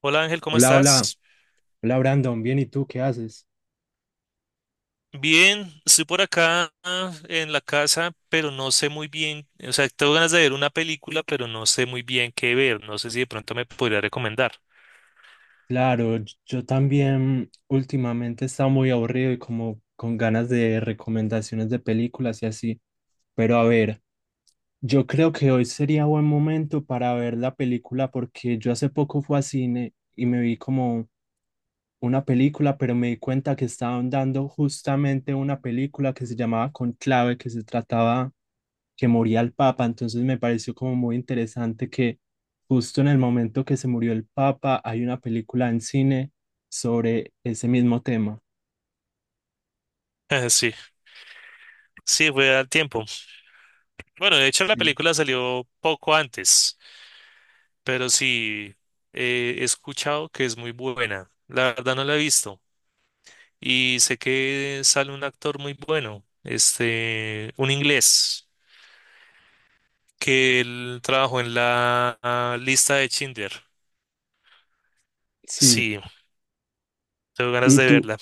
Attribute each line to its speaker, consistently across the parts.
Speaker 1: Hola Ángel, ¿cómo
Speaker 2: Hola, hola,
Speaker 1: estás?
Speaker 2: hola Brandon, bien, ¿y tú qué haces?
Speaker 1: Bien, estoy por acá en la casa, pero no sé muy bien, o sea, tengo ganas de ver una película, pero no sé muy bien qué ver, no sé si de pronto me podría recomendar.
Speaker 2: Claro, yo también últimamente he estado muy aburrido y como con ganas de recomendaciones de películas y así, pero a ver, yo creo que hoy sería buen momento para ver la película porque yo hace poco fui a cine y me vi como una película, pero me di cuenta que estaban dando justamente una película que se llamaba Conclave, que se trataba que moría el Papa, entonces me pareció como muy interesante que justo en el momento que se murió el Papa hay una película en cine sobre ese mismo tema.
Speaker 1: Sí, sí, fue al tiempo. Bueno, de hecho la
Speaker 2: Sí.
Speaker 1: película salió poco antes, pero sí, he escuchado que es muy buena. La verdad no la he visto. Y sé que sale un actor muy bueno, este, un inglés, que él trabajó en la lista de Schindler.
Speaker 2: Sí.
Speaker 1: Sí, tengo ganas
Speaker 2: ¿Y
Speaker 1: de
Speaker 2: tú,
Speaker 1: verla.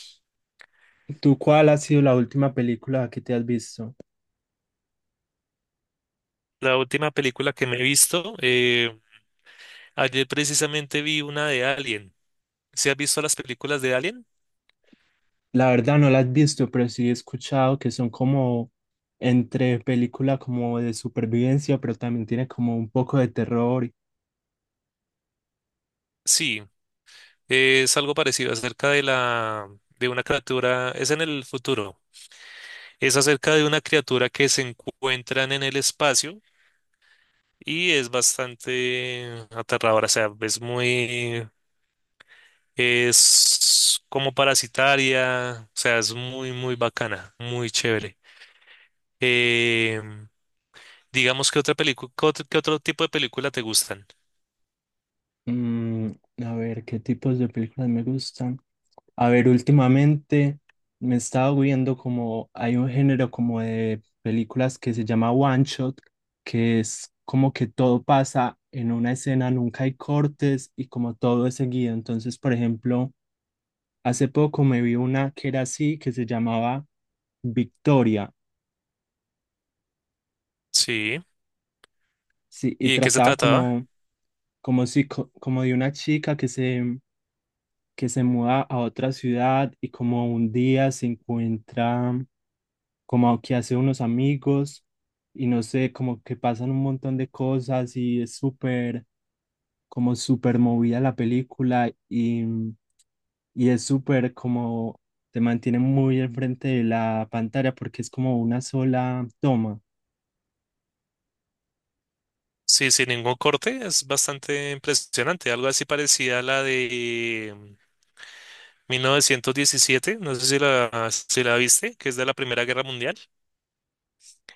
Speaker 2: tú cuál ha sido la última película que te has visto?
Speaker 1: La última película que me he visto, ayer precisamente vi una de Alien. ¿Sí has visto las películas de Alien?
Speaker 2: La verdad no las he visto, pero sí he escuchado que son como entre película como de supervivencia, pero también tiene como un poco de terror.
Speaker 1: Sí, es algo parecido acerca de la de una criatura, es en el futuro. Es acerca de una criatura que se encuentran en el espacio y es bastante aterradora, o sea, es muy, es como parasitaria, o sea, es muy, muy bacana, muy chévere. Eh, digamos que otra película, ¿ qué otro tipo de película te gustan?
Speaker 2: Mm, a ver, ¿qué tipos de películas me gustan? A ver, últimamente me he estado viendo como hay un género como de películas que se llama One Shot, que es como que todo pasa en una escena, nunca hay cortes y como todo es seguido. Entonces, por ejemplo, hace poco me vi una que era así, que se llamaba Victoria,
Speaker 1: Sí.
Speaker 2: sí, y
Speaker 1: ¿Y de qué se
Speaker 2: trataba
Speaker 1: trataba?
Speaker 2: como, como, si, como de una chica que se muda a otra ciudad y como un día se encuentra como que hace unos amigos y no sé, como que pasan un montón de cosas y es súper, como súper movida la película y es súper como, te mantiene muy al frente de la pantalla porque es como una sola toma.
Speaker 1: Sí, sin ningún corte, es bastante impresionante, algo así parecida a la de 1917, no sé si la viste, que es de la Primera Guerra Mundial,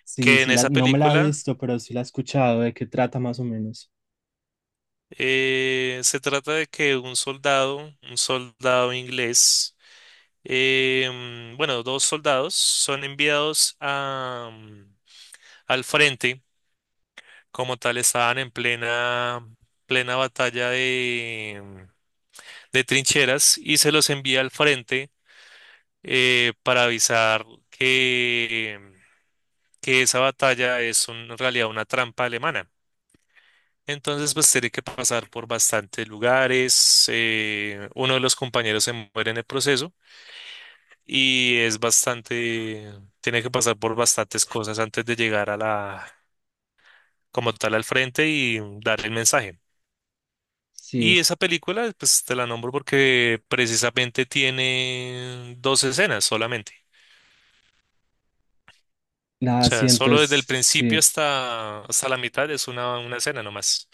Speaker 2: Sí,
Speaker 1: que en
Speaker 2: sí, la,
Speaker 1: esa
Speaker 2: no me la he
Speaker 1: película
Speaker 2: visto, pero sí la he escuchado, de qué trata más o menos.
Speaker 1: Se trata de que un soldado inglés, eh, bueno, dos soldados son enviados a, al frente, como tal estaban plena batalla de trincheras y se los envía al frente para avisar que, que esa batalla es en realidad una trampa alemana. Entonces, pues tiene que pasar por bastantes lugares. Uno de los compañeros se muere en el proceso y es bastante, tiene que pasar por bastantes cosas antes de llegar a como tal, al frente y dar el mensaje. Y
Speaker 2: Sí,
Speaker 1: esa película, pues te la nombro porque precisamente tiene dos escenas solamente. O
Speaker 2: la
Speaker 1: sea,
Speaker 2: siento,
Speaker 1: solo
Speaker 2: es,
Speaker 1: desde el principio
Speaker 2: sí,
Speaker 1: hasta la mitad es una escena nomás.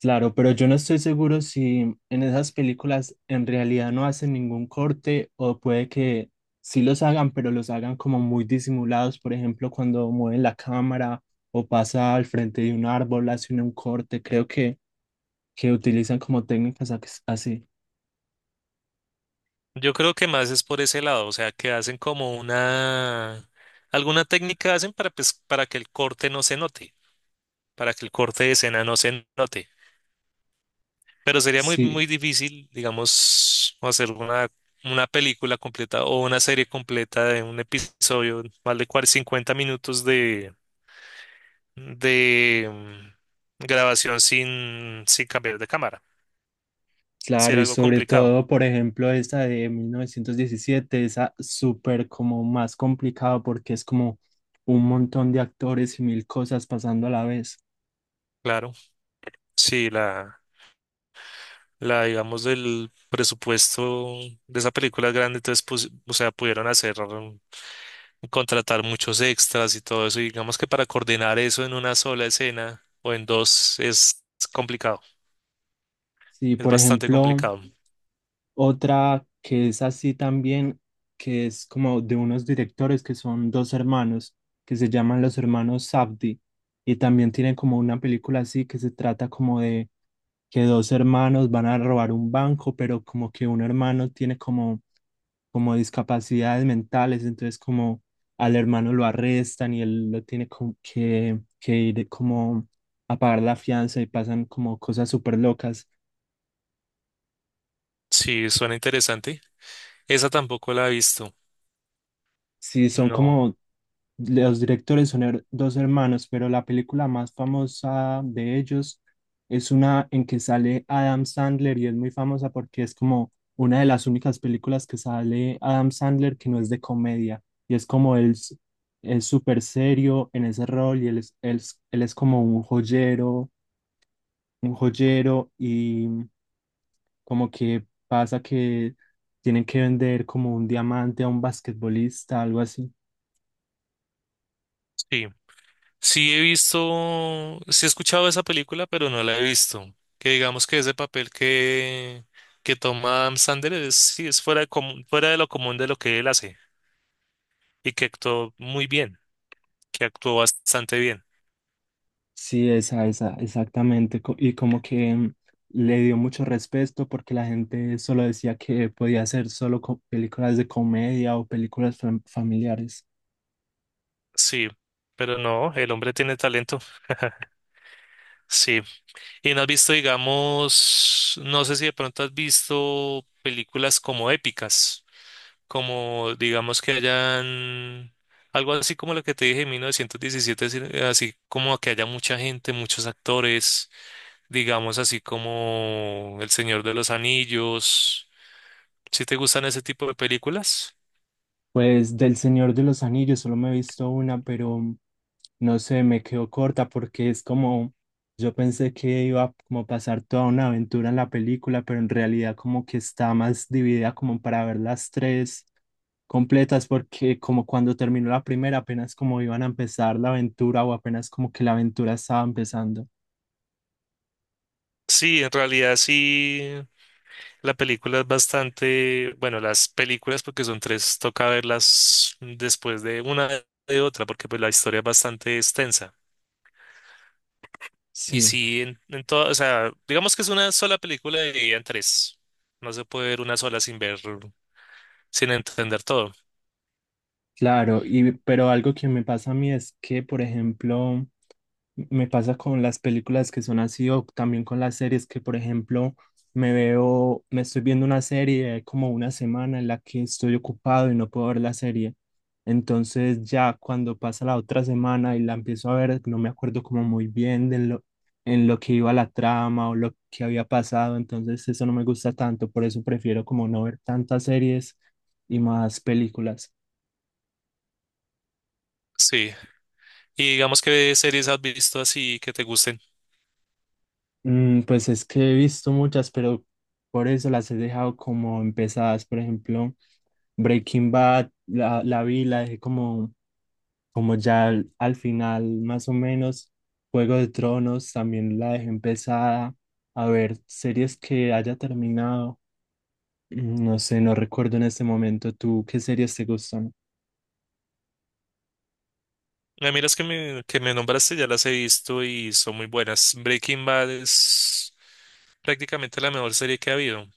Speaker 2: claro, pero yo no estoy seguro si en esas películas en realidad no hacen ningún corte o puede que sí los hagan, pero los hagan como muy disimulados, por ejemplo, cuando mueven la cámara o pasa al frente de un árbol, hacen un corte, creo que utilizan como técnicas así.
Speaker 1: Yo creo que más es por ese lado, o sea, que hacen como alguna técnica hacen para, pues, para que el corte no se note, para que el corte de escena no se note. Pero sería muy,
Speaker 2: Sí.
Speaker 1: muy difícil, digamos, hacer una película completa o una serie completa de un episodio, más de 40 o 50 minutos de grabación sin, sin cambiar de cámara.
Speaker 2: Claro,
Speaker 1: Sería
Speaker 2: y
Speaker 1: algo
Speaker 2: sobre
Speaker 1: complicado.
Speaker 2: todo, por ejemplo, esta de 1917, esa súper como más complicada porque es como un montón de actores y mil cosas pasando a la vez.
Speaker 1: Claro, sí, la, digamos, del presupuesto de esa película es grande, entonces, pues, o sea, pudieron hacer, contratar muchos extras y todo eso, y digamos que para coordinar eso en una sola escena o en dos es complicado,
Speaker 2: Sí,
Speaker 1: es
Speaker 2: por
Speaker 1: bastante
Speaker 2: ejemplo,
Speaker 1: complicado.
Speaker 2: otra que es así también, que es como de unos directores que son dos hermanos, que se llaman los hermanos Safdie, y también tienen como una película así que se trata como de que dos hermanos van a robar un banco, pero como que un hermano tiene como, como discapacidades mentales, entonces como al hermano lo arrestan y él lo tiene como que ir como a pagar la fianza y pasan como cosas súper locas.
Speaker 1: Sí, suena interesante. Esa tampoco la he visto.
Speaker 2: Sí, son
Speaker 1: No,
Speaker 2: como los directores son dos hermanos, pero la película más famosa de ellos es una en que sale Adam Sandler y es muy famosa porque es como una de las únicas películas que sale Adam Sandler que no es de comedia y es como es súper serio en ese rol y él es como un joyero y como que pasa que tienen que vender como un diamante a un basquetbolista, algo así.
Speaker 1: sí. Sí he visto, sí he escuchado esa película, pero no la he visto. Que digamos que ese papel que toma Adam Sandler es, sí, es fuera de, fuera de lo común de lo que él hace. Y que actuó muy bien, que actuó bastante bien.
Speaker 2: Sí, esa, exactamente. Y como que le dio mucho respeto porque la gente solo decía que podía hacer solo películas de comedia o películas familiares.
Speaker 1: Sí, pero no, el hombre tiene talento. Sí. Y no has visto, digamos, no sé si de pronto has visto películas como épicas, como digamos que hayan algo así como lo que te dije en 1917, así así como que haya mucha gente, muchos actores, digamos así como El Señor de los Anillos. ¿Si te gustan ese tipo de películas?
Speaker 2: Pues del Señor de los Anillos solo me he visto una, pero no sé, me quedó corta porque es como, yo pensé que iba a como pasar toda una aventura en la película, pero en realidad como que está más dividida como para ver las tres completas, porque como cuando terminó la primera, apenas como iban a empezar la aventura o apenas como que la aventura estaba empezando.
Speaker 1: Sí, en realidad sí. La película es bastante, bueno, las películas porque son tres, toca verlas después de una de otra porque pues la historia es bastante extensa. Y
Speaker 2: Sí.
Speaker 1: sí, en todo, o sea, digamos que es una sola película dividida en tres. No se puede ver una sola sin ver, sin entender todo.
Speaker 2: Claro, y pero algo que me pasa a mí es que, por ejemplo, me pasa con las películas que son así o también con las series que, por ejemplo, me veo, me estoy viendo una serie como una semana en la que estoy ocupado y no puedo ver la serie. Entonces ya cuando pasa la otra semana y la empiezo a ver, no me acuerdo como muy bien de lo, en lo que iba la trama o lo que había pasado. Entonces eso no me gusta tanto, por eso prefiero como no ver tantas series y más películas.
Speaker 1: Sí. Y digamos que series has visto así que te gusten.
Speaker 2: Pues es que he visto muchas, pero por eso las he dejado como empezadas. Por ejemplo, Breaking Bad, la vi, la dejé como, como ya al, al final, más o menos. Juego de Tronos también la dejé empezada. A ver, series que haya terminado. No sé, no recuerdo en este momento. ¿Tú qué series te gustan?
Speaker 1: A mí las que que me nombraste ya las he visto y son muy buenas. Breaking Bad es prácticamente la mejor serie que ha habido.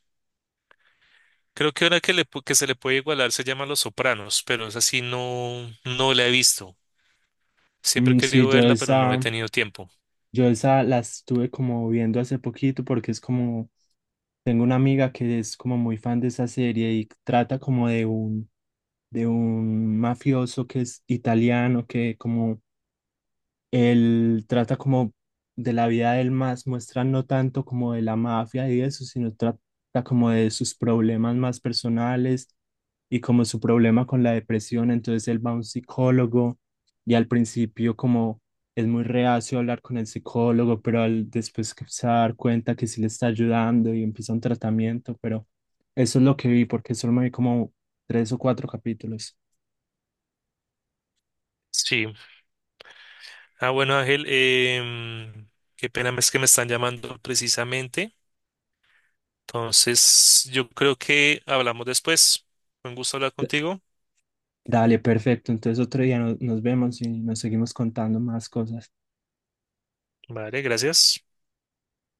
Speaker 1: Creo que una que se le puede igualar se llama Los Sopranos, pero es así no, no la he visto. Siempre he
Speaker 2: Sí,
Speaker 1: querido verla, pero no he tenido tiempo.
Speaker 2: yo esa las estuve como viendo hace poquito porque es como tengo una amiga que es como muy fan de esa serie y trata como de un mafioso que es italiano, que como él trata como de la vida del más, muestra no tanto como de la mafia y eso, sino trata como de sus problemas más personales y como su problema con la depresión. Entonces él va a un psicólogo y al principio como es muy reacio a hablar con el psicólogo, pero al, después que se va a dar cuenta que sí le está ayudando y empieza un tratamiento, pero eso es lo que vi porque solo me vi como tres o cuatro capítulos.
Speaker 1: Sí. Ah, bueno, Ángel, qué pena es que me están llamando precisamente. Entonces, yo creo que hablamos después. Fue un gusto hablar contigo.
Speaker 2: Dale, perfecto. Entonces otro día nos vemos y nos seguimos contando más cosas.
Speaker 1: Vale, gracias.